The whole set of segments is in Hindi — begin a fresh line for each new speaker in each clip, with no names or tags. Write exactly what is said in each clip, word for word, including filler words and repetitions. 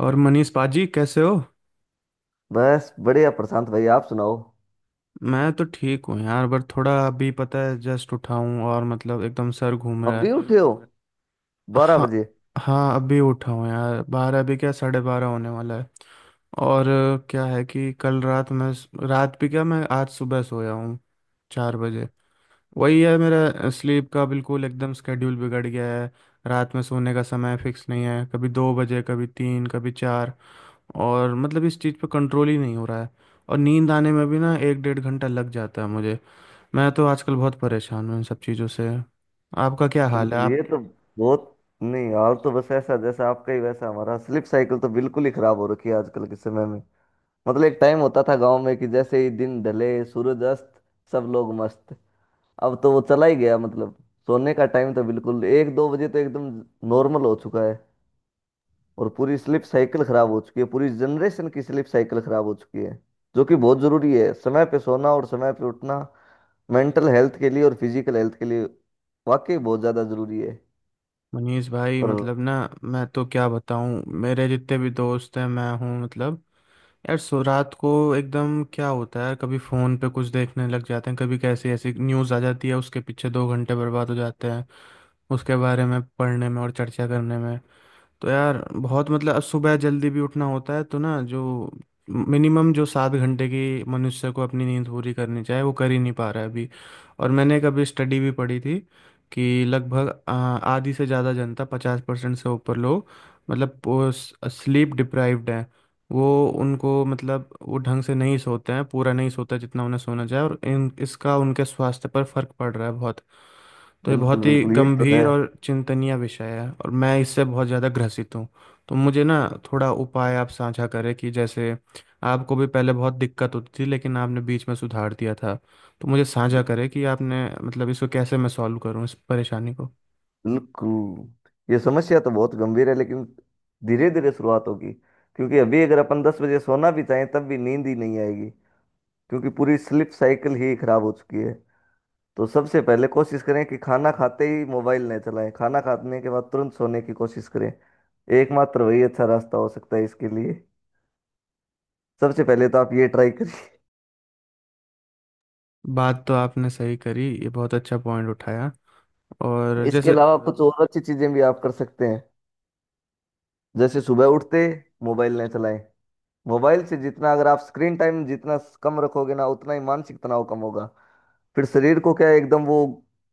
और मनीष पाजी कैसे हो?
बस बढ़िया प्रशांत भाई, आप सुनाओ।
मैं तो ठीक हूँ यार, बट थोड़ा, अभी पता है, जस्ट उठा हूँ और मतलब एकदम सर घूम रहा
अभी
है।
उठे हो बिल्कुल? बारह
हाँ,
बजे
हाँ, अभी उठा हूँ यार। बारह, अभी क्या, साढ़े बारह होने वाला है। और अ, क्या है कि कल रात मैं, रात भी क्या, मैं आज सुबह सोया हूँ चार बजे। वही है, मेरा स्लीप का बिल्कुल एकदम स्केड्यूल बिगड़ गया है। रात में सोने का समय फिक्स नहीं है, कभी दो बजे, कभी तीन, कभी चार। और मतलब इस चीज़ पे कंट्रोल ही नहीं हो रहा है। और नींद आने में भी ना एक डेढ़ घंटा लग जाता है मुझे। मैं तो आजकल बहुत परेशान हूँ इन सब चीज़ों से। आपका क्या हाल है,
बिल्कुल
आप?
ये तो बहुत। नहीं, हाल तो बस ऐसा जैसा आपका, ही वैसा हमारा। स्लिप साइकिल तो बिल्कुल ही खराब हो रखी है आजकल के समय में। मतलब एक टाइम होता था गांव में कि जैसे ही दिन ढले सूरज अस्त, सब लोग मस्त। अब तो वो चला ही गया। मतलब सोने का टाइम तो बिल्कुल एक दो बजे तो एकदम नॉर्मल हो चुका है। और पूरी स्लिप साइकिल खराब हो चुकी है, पूरी जनरेशन की स्लिप साइकिल खराब हो चुकी है। जो कि बहुत जरूरी है समय पे सोना और समय पे उठना, मेंटल हेल्थ के लिए और फिजिकल हेल्थ के लिए। वाकई बहुत ज्यादा जरूरी है।
मनीष भाई,
पर
मतलब ना, मैं तो क्या बताऊँ, मेरे जितने भी दोस्त हैं, मैं हूँ मतलब, यार सो रात को एकदम क्या होता है, कभी फ़ोन पे कुछ देखने लग जाते हैं, कभी कैसी ऐसी न्यूज़ आ जाती है, उसके पीछे दो घंटे बर्बाद हो जाते हैं उसके बारे में पढ़ने में और चर्चा करने में। तो यार बहुत मतलब, अब सुबह जल्दी भी उठना होता है, तो ना जो मिनिमम जो सात घंटे की मनुष्य को अपनी नींद पूरी करनी चाहिए, वो कर ही नहीं पा रहा है अभी। और मैंने कभी स्टडी भी पढ़ी थी कि लगभग आ, आधी से ज़्यादा जनता, पचास परसेंट से ऊपर लोग, मतलब स्लीप डिप्राइव्ड हैं। वो, उनको मतलब वो ढंग से नहीं सोते हैं, पूरा नहीं सोता जितना उन्हें सोना चाहिए, और इन इसका उनके स्वास्थ्य पर फर्क पड़ रहा है बहुत। तो ये
बिल्कुल
बहुत ही
बिल्कुल, ये तो है।
गंभीर और चिंतनीय विषय है और मैं इससे बहुत ज़्यादा ग्रसित हूँ। तो मुझे ना थोड़ा उपाय आप साझा करें कि जैसे आपको भी पहले बहुत दिक्कत होती थी, लेकिन आपने बीच में सुधार दिया था। तो मुझे साझा करें कि आपने मतलब इसको कैसे, मैं सॉल्व करूँ इस परेशानी को।
बिल्कुल। ये समस्या तो बहुत गंभीर है, लेकिन धीरे धीरे शुरुआत होगी। क्योंकि अभी अगर अपन दस बजे सोना भी चाहें तब भी नींद ही नहीं आएगी, क्योंकि पूरी स्लीप साइकिल ही खराब हो चुकी है। तो सबसे पहले कोशिश करें कि खाना खाते ही मोबाइल न चलाएं, खाना खाने के बाद तुरंत सोने की कोशिश करें। एकमात्र वही अच्छा रास्ता हो सकता है इसके लिए। सबसे पहले तो आप ये ट्राई करिए।
बात तो आपने सही करी, ये बहुत अच्छा पॉइंट उठाया। और
इसके
जैसे,
अलावा कुछ और अच्छी चीजें भी आप कर सकते हैं। जैसे सुबह उठते मोबाइल ना चलाएं। मोबाइल से जितना, अगर आप स्क्रीन टाइम जितना कम रखोगे ना, उतना ही मानसिक तनाव कम होगा। फिर शरीर को क्या है, एकदम वो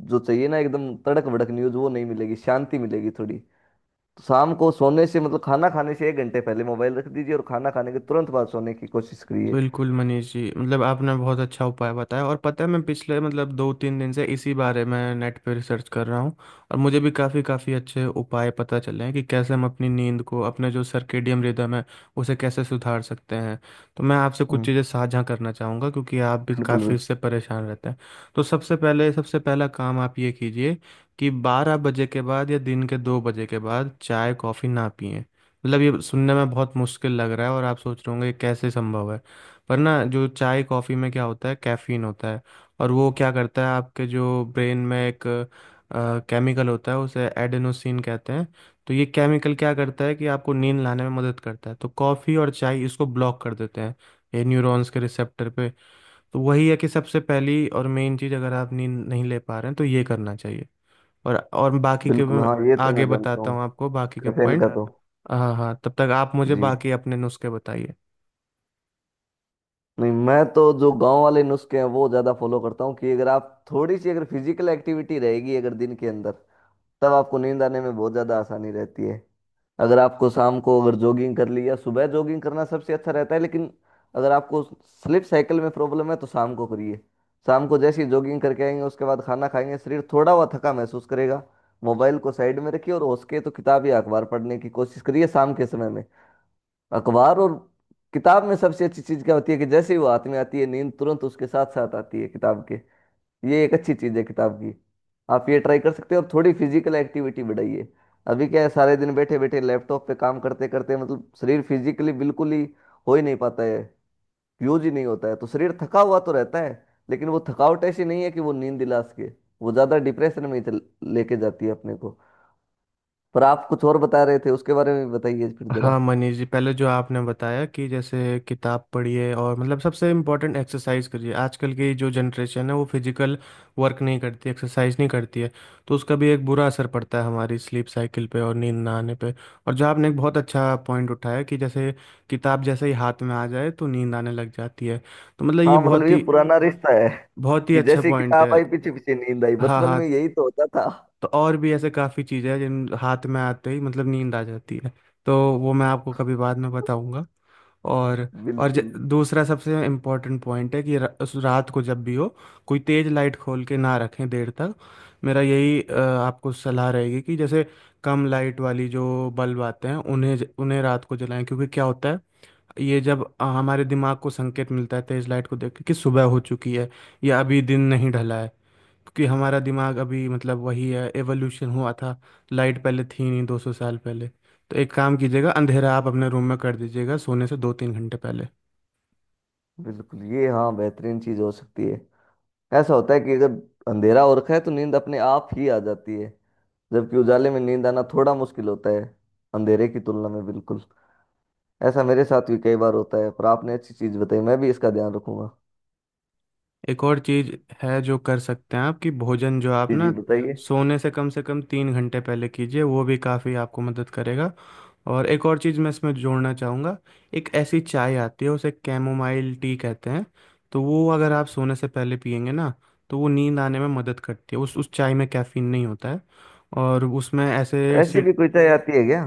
जो चाहिए ना, एकदम तड़क भड़क न्यूज वो नहीं मिलेगी, शांति मिलेगी थोड़ी तो। शाम को सोने से मतलब खाना खाने से एक घंटे पहले मोबाइल रख दीजिए, और खाना खाने के तुरंत बाद सोने की कोशिश करिए।
बिल्कुल मनीष जी, मतलब आपने बहुत अच्छा उपाय बताया, और पता है मैं पिछले मतलब दो तीन दिन से इसी बारे में नेट पे रिसर्च कर रहा हूँ। और मुझे भी काफ़ी काफ़ी अच्छे उपाय पता चले हैं कि कैसे हम अपनी नींद को, अपने जो सर्केडियन रिदम है, उसे कैसे सुधार सकते हैं। तो मैं आपसे कुछ
हम्म।
चीज़ें साझा करना चाहूँगा, क्योंकि आप भी
बिल्कुल
काफ़ी
बिल्कुल।
इससे परेशान रहते हैं। तो सबसे पहले, सबसे पहला काम आप ये कीजिए कि बारह बजे के बाद या दिन के दो बजे के बाद चाय कॉफ़ी ना पिएं। मतलब ये सुनने में बहुत मुश्किल लग रहा है और आप सोच रहे होंगे ये कैसे संभव है, पर ना जो चाय कॉफ़ी में क्या होता है, कैफीन होता है। और वो क्या करता है, आपके जो ब्रेन में एक केमिकल होता है, उसे एडेनोसिन कहते हैं। तो ये केमिकल क्या करता है कि आपको नींद लाने में मदद करता है, तो कॉफ़ी और चाय इसको ब्लॉक कर देते हैं, ये न्यूरॉन्स के रिसेप्टर पे। तो वही है कि सबसे पहली और मेन चीज़, अगर आप नींद नहीं ले पा रहे हैं तो ये करना चाहिए। और और बाकी के
बिल्कुल
मैं
हाँ, ये तो
आगे
मैं जानता
बताता
हूँ।
हूँ आपको, बाकी के
कैफीन का
पॉइंट।
तो।
हाँ, हाँ, तब तक आप मुझे
जी।
बाकी अपने नुस्खे बताइए।
नहीं, मैं तो जो गांव वाले नुस्खे हैं वो ज्यादा फॉलो करता हूँ, कि अगर आप थोड़ी सी अगर फिजिकल एक्टिविटी रहेगी अगर दिन के अंदर, तब आपको नींद आने में बहुत ज़्यादा आसानी रहती है। अगर आपको शाम को अगर जॉगिंग कर ली, या सुबह जॉगिंग करना सबसे अच्छा रहता है, लेकिन अगर आपको स्लीप साइकिल में प्रॉब्लम है तो शाम को करिए। शाम को जैसे ही जॉगिंग करके आएंगे, उसके बाद खाना खाएंगे, शरीर थोड़ा हुआ थका महसूस करेगा। मोबाइल को साइड में रखिए, और हो सके तो किताब या अखबार पढ़ने की कोशिश करिए शाम के समय में। अखबार और किताब में सबसे अच्छी चीज़ क्या होती है, कि जैसे ही वो हाथ में आती है, नींद तुरंत उसके साथ साथ आती है, किताब के। ये एक अच्छी चीज है किताब की। आप ये ट्राई कर सकते हो, और थोड़ी फिजिकल एक्टिविटी बढ़ाइए। अभी क्या है, सारे दिन बैठे बैठे लैपटॉप पे काम करते करते मतलब शरीर फिजिकली बिल्कुल ही हो ही नहीं पाता है, यूज ही नहीं होता है, तो शरीर थका हुआ तो रहता है। लेकिन वो थकावट ऐसी नहीं है कि वो नींद दिला सके, वो ज्यादा डिप्रेशन में ही चल- लेके जाती है अपने को। पर आप कुछ और बता रहे थे, उसके बारे में भी बताइए फिर जरा।
हाँ मनीष जी, पहले जो आपने बताया कि जैसे किताब पढ़िए, और मतलब सबसे इम्पोर्टेंट एक्सरसाइज करिए। आजकल की जो जनरेशन है, वो फिजिकल वर्क नहीं करती, एक्सरसाइज नहीं करती है। तो उसका भी एक बुरा असर पड़ता है हमारी स्लीप साइकिल पे और नींद ना आने पे। और जो आपने एक बहुत अच्छा पॉइंट उठाया कि जैसे किताब जैसे ही हाथ में आ जाए, तो नींद आने लग जाती है। तो मतलब ये
हाँ, मतलब
बहुत
ये
ही
पुराना रिश्ता है,
बहुत ही
कि
अच्छा
जैसे
पॉइंट है।
किताब आई पीछे पीछे नींद आई,
हाँ,
बचपन
हाँ,
में यही तो होता था।
तो और भी ऐसे काफ़ी चीज़ें हैं, जिन हाथ में आते ही मतलब नींद आ जाती है। तो वो मैं आपको कभी बाद में बताऊंगा। और और ज,
बिल्कुल
दूसरा सबसे इम्पोर्टेंट पॉइंट है कि र, उस रात को जब भी हो, कोई तेज़ लाइट खोल के ना रखें देर तक। मेरा यही अ, आपको सलाह रहेगी कि जैसे कम लाइट वाली जो बल्ब आते हैं, उन्हें ज- उन्हें रात को जलाएं, क्योंकि क्या होता है, ये जब अ, हमारे दिमाग को संकेत मिलता है तेज़ लाइट को देख के कि सुबह हो चुकी है या अभी दिन नहीं ढला है। क्योंकि हमारा दिमाग अभी मतलब वही है, एवोल्यूशन हुआ था, लाइट पहले थी नहीं दो सौ साल पहले। तो एक काम कीजिएगा, अंधेरा आप अपने रूम में कर दीजिएगा सोने से दो तीन घंटे पहले।
बिल्कुल, ये हाँ, बेहतरीन चीज हो सकती है। ऐसा होता है कि जब अंधेरा हो रखा है तो नींद अपने आप ही आ जाती है, जबकि उजाले में नींद आना थोड़ा मुश्किल होता है, अंधेरे की तुलना में, बिल्कुल। ऐसा मेरे साथ भी कई बार होता है, पर आपने अच्छी चीज बताई, मैं भी इसका ध्यान रखूंगा।
एक और चीज़ है जो कर सकते हैं आप, कि भोजन जो आप
जी जी
ना
बताइए।
सोने से कम से कम तीन घंटे पहले कीजिए, वो भी काफ़ी आपको मदद करेगा। और एक और चीज़ मैं इसमें जोड़ना चाहूँगा। एक ऐसी चाय आती है, उसे कैमोमाइल टी कहते हैं। तो वो अगर आप सोने से पहले पियेंगे ना, तो वो नींद आने में मदद करती है। उस उस चाय में कैफीन नहीं होता है, और उसमें ऐसे।
ऐसी
से,
भी कोई चाय आती है क्या?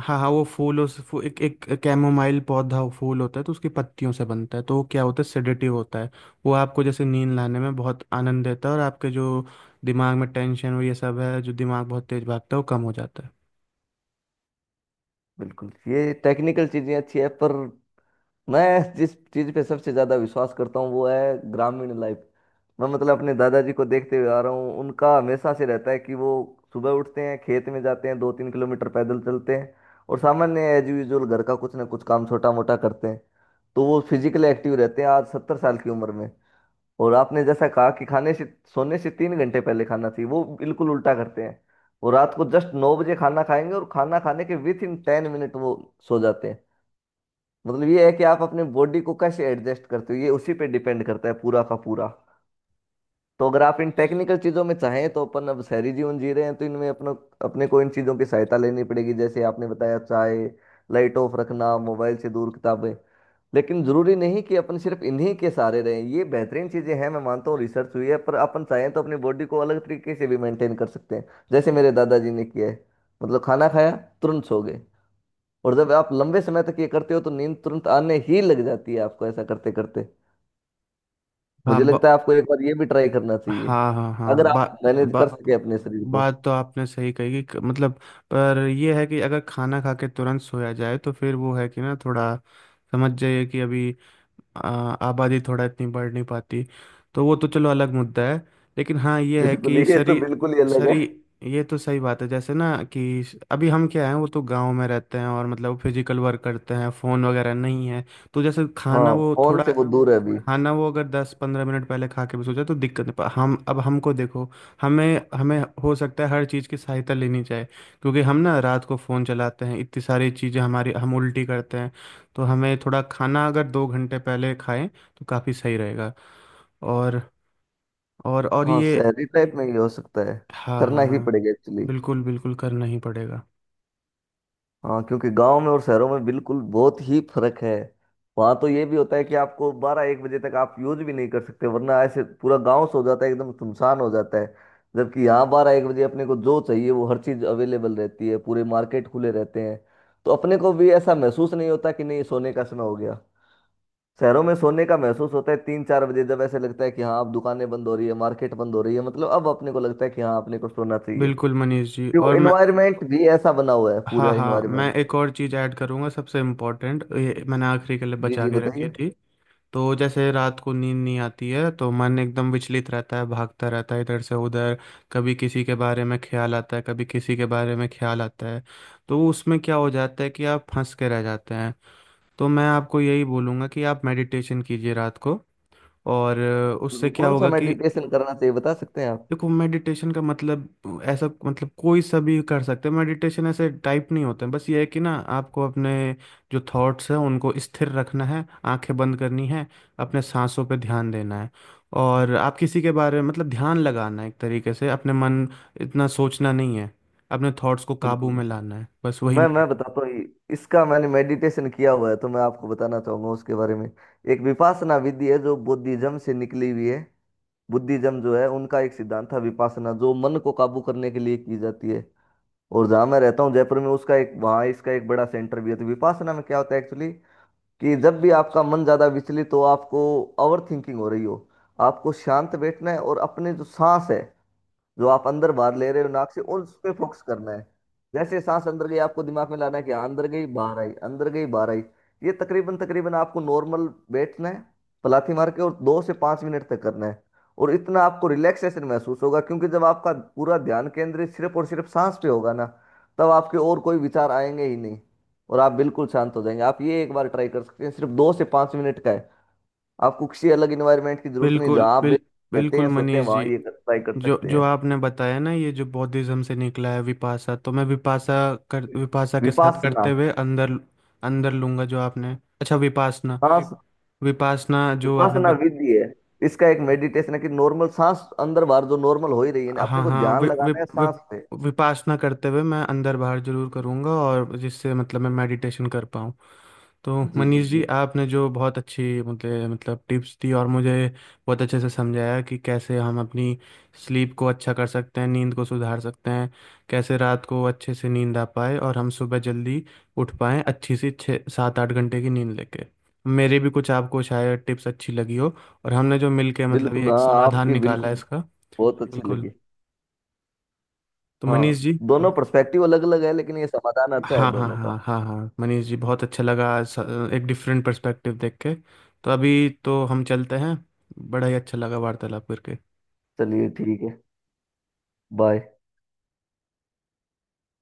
हाँ, हाँ, वो फूल, उस फू, एक एक कैमोमाइल पौधा, फूल होता है, तो उसकी पत्तियों से बनता है, तो वो क्या होता है, सेडेटिव होता है। वो आपको जैसे नींद लाने में बहुत आनंद देता है, और आपके जो दिमाग में टेंशन और ये सब है, जो दिमाग बहुत तेज भागता है, वो कम हो जाता है।
बिल्कुल, ये टेक्निकल चीजें अच्छी है, पर मैं जिस चीज पे सबसे ज्यादा विश्वास करता हूँ वो है ग्रामीण लाइफ। मैं मतलब अपने दादाजी को देखते हुए आ रहा हूँ, उनका हमेशा से रहता है कि वो सुबह उठते हैं, खेत में जाते हैं, दो तीन किलोमीटर पैदल चलते हैं, और सामान्य एज यूजुअल घर का कुछ ना कुछ काम छोटा मोटा करते हैं। तो वो फिजिकली एक्टिव रहते हैं आज सत्तर साल की उम्र में। और आपने जैसा कहा कि खाने से सोने से तीन घंटे पहले खाना चाहिए, वो बिल्कुल उल्टा करते हैं। वो रात को जस्ट नौ बजे खाना खाएंगे और खाना खाने के विथ इन टेन मिनट वो सो जाते हैं। मतलब ये है कि आप अपने बॉडी को कैसे एडजस्ट करते हो, ये उसी पे डिपेंड करता है पूरा का पूरा। तो अगर आप इन टेक्निकल चीज़ों में चाहें, तो अपन अब शहरी जीवन जी रहे हैं तो इनमें अपना, अपने को इन चीज़ों की सहायता लेनी पड़ेगी। जैसे आपने बताया चाय, लाइट ऑफ रखना, मोबाइल से दूर, किताबें। लेकिन ज़रूरी नहीं कि अपन सिर्फ इन्हीं के सहारे रहें, ये बेहतरीन चीज़ें हैं मैं मानता हूँ, रिसर्च हुई है, पर अपन चाहें तो अपनी बॉडी को अलग तरीके से भी मेंटेन कर सकते हैं, जैसे मेरे दादाजी ने किया है। मतलब खाना खाया तुरंत सो गए। और जब आप लंबे समय तक ये करते हो तो नींद तुरंत आने ही लग जाती है आपको ऐसा करते करते।
हाँ,
मुझे लगता है आपको एक बार ये भी ट्राई करना चाहिए,
हाँ, हाँ, हाँ,
अगर आप
बा,
मैनेज कर
बा,
सके अपने शरीर को।
बात तो आपने सही कही कि क- मतलब, पर यह है कि अगर खाना खा के तुरंत सोया जाए, तो फिर वो है कि ना, थोड़ा समझ जाइए कि अभी आ, आबादी थोड़ा इतनी बढ़ नहीं पाती, तो वो तो चलो अलग मुद्दा है। लेकिन हाँ ये है
बिल्कुल,
कि
ये तो
शरीर,
बिल्कुल ही अलग है।
शरीर, ये तो सही बात है, जैसे ना कि अभी हम क्या हैं, वो तो गांव में रहते हैं और मतलब फिजिकल वर्क करते हैं, फ़ोन वगैरह नहीं है। तो जैसे खाना
हाँ,
वो
फोन
थोड़ा,
से वो दूर है अभी।
खाना वो अगर दस पंद्रह मिनट पहले खा के भी सो जाए तो दिक्कत नहीं, पर हम, अब हमको देखो, हमें हमें हो सकता है हर चीज़ की सहायता लेनी चाहिए, क्योंकि हम ना रात को फ़ोन चलाते हैं, इतनी सारी चीज़ें हमारी हम उल्टी करते हैं। तो हमें थोड़ा खाना अगर दो घंटे पहले खाएं तो काफ़ी सही रहेगा। और, और और
हाँ,
ये,
शहरी टाइप में ये हो सकता है,
हाँ, हाँ,
करना ही
हाँ,
पड़ेगा एक्चुअली।
बिल्कुल, बिल्कुल करना ही पड़ेगा।
हाँ, क्योंकि गांव में और शहरों में बिल्कुल बहुत ही फर्क है। वहां तो ये भी होता है कि आपको बारह एक बजे तक आप यूज भी नहीं कर सकते, वरना ऐसे पूरा गांव सो जाता है, एकदम सुनसान हो जाता है। जबकि यहाँ बारह एक बजे अपने को जो चाहिए वो हर चीज अवेलेबल रहती है, पूरे मार्केट खुले रहते हैं। तो अपने को भी ऐसा महसूस नहीं होता कि नहीं सोने का समय हो गया। शहरों में सोने का महसूस होता है तीन चार बजे, जब ऐसे लगता है कि हाँ अब दुकानें बंद हो रही है, मार्केट बंद हो रही है, मतलब अब अपने को लगता है कि हाँ अपने को सोना चाहिए।
बिल्कुल
कि
मनीष जी,
वो
और मैं,
इन्वायरमेंट भी ऐसा बना हुआ है,
हाँ,
पूरा
हाँ,
इन्वायरमेंट।
मैं एक और चीज़ ऐड करूँगा, सबसे इम्पोर्टेंट, ये मैंने आखिरी के लिए
जी
बचा
जी
के रखी
बताइए।
थी। तो जैसे रात को नींद नहीं आती है तो मन एकदम विचलित रहता है, भागता रहता है इधर से उधर, कभी किसी के बारे में ख्याल आता है, कभी किसी के बारे में ख्याल आता है। तो उसमें क्या हो जाता है कि आप फंस के रह जाते हैं। तो मैं आपको यही बोलूँगा कि आप मेडिटेशन कीजिए रात को। और अ, उससे
बिल्कुल,
क्या
कौन सा
होगा कि,
मेडिटेशन करना चाहिए बता सकते हैं आप?
देखो मेडिटेशन का मतलब, ऐसा मतलब कोई सा भी कर सकते हैं, मेडिटेशन ऐसे टाइप नहीं होते हैं, बस ये है कि ना आपको अपने जो थॉट्स हैं उनको स्थिर रखना है, आंखें बंद करनी है, अपने सांसों पे ध्यान देना है। और आप किसी के बारे में मतलब ध्यान लगाना है, एक तरीके से अपने मन, इतना सोचना नहीं है, अपने थॉट्स को काबू
बिल्कुल।
में लाना है, बस वही
मैं मैं
मेडिटेशन।
बताता हूँ। इ- इसका मैंने मेडिटेशन किया हुआ है, तो मैं आपको बताना चाहूंगा उसके बारे में। एक विपासना विधि है जो बुद्धिज्म से निकली हुई है। बुद्धिज्म जो है, उनका एक सिद्धांत था विपासना, जो मन को काबू करने के लिए की जाती है। और जहाँ मैं रहता हूँ जयपुर में, उसका एक वहाँ इसका एक बड़ा सेंटर भी है। तो विपासना में क्या होता है एक्चुअली, कि जब भी आपका मन ज़्यादा विचलित हो, आपको ओवर थिंकिंग हो रही हो, आपको शांत बैठना है और अपने जो सांस है जो आप अंदर बाहर ले रहे हो नाक से, उस पे फोकस करना है। जैसे सांस अंदर गई, आपको दिमाग में लाना है कि हाँ, अंदर गई बाहर आई, अंदर गई बाहर आई। ये तकरीबन तकरीबन, आपको नॉर्मल बैठना है पलाथी मार के, और दो से पाँच मिनट तक करना है। और इतना आपको रिलैक्सेशन महसूस होगा, क्योंकि जब आपका पूरा ध्यान केंद्रित सिर्फ और सिर्फ सांस पे होगा ना, तब आपके और कोई विचार आएंगे ही नहीं, और आप बिल्कुल शांत हो जाएंगे। आप ये एक बार ट्राई कर सकते हैं, सिर्फ दो से पाँच मिनट का है। आपको किसी अलग इन्वायरमेंट की जरूरत नहीं,
बिल्कुल,
जहाँ आप
बिल
रहते
बिल्कुल
हैं सोते हैं
मनीष
वहाँ
जी,
ये ट्राई कर
जो
सकते
जो
हैं।
आपने बताया ना, ये जो बौद्धिज्म से निकला है विपासा, तो मैं विपासा कर, विपासा के साथ
विपासना।
करते हुए अंदर, अंदर लूंगा जो आपने, अच्छा, विपासना,
सांस, विप-
विपासना जो आपने
विपासना
बत
विधि है। इसका एक मेडिटेशन है, कि नॉर्मल सांस अंदर बाहर जो नॉर्मल हो ही रही है ना, अपने
हाँ,
को
हाँ,
ध्यान
वि, वि,
लगाना है
वि,
सांस पे।
विपासना करते हुए मैं अंदर बाहर जरूर करूंगा, और जिससे मतलब मैं मेडिटेशन कर पाऊँ। तो
जी जी
मनीष जी
जी।
आपने जो बहुत अच्छी मतलब मतलब टिप्स दी, और मुझे बहुत अच्छे से समझाया कि कैसे हम अपनी स्लीप को अच्छा कर सकते हैं, नींद को सुधार सकते हैं, कैसे रात को अच्छे से नींद आ पाए और हम सुबह जल्दी उठ पाएँ अच्छी सी छः सात आठ घंटे की नींद लेके। मेरे भी कुछ आपको शायद टिप्स अच्छी लगी हो, और हमने जो मिलके मतलब ये
बिल्कुल
एक
हाँ,
समाधान
आपकी
निकाला
बिल्कुल
है इसका।
बहुत अच्छी
बिल्कुल,
लगी।
तो मनीष
हाँ,
जी,
दोनों पर्सपेक्टिव अलग अलग है, लेकिन ये समाधान अच्छा है
हाँ, हाँ,
दोनों का।
हाँ, हाँ, हाँ, मनीष जी, बहुत अच्छा लगा स- एक डिफरेंट पर्सपेक्टिव देख के। तो अभी तो हम चलते हैं, बड़ा ही अच्छा लगा वार्तालाप करके।
चलिए ठीक है। बाय।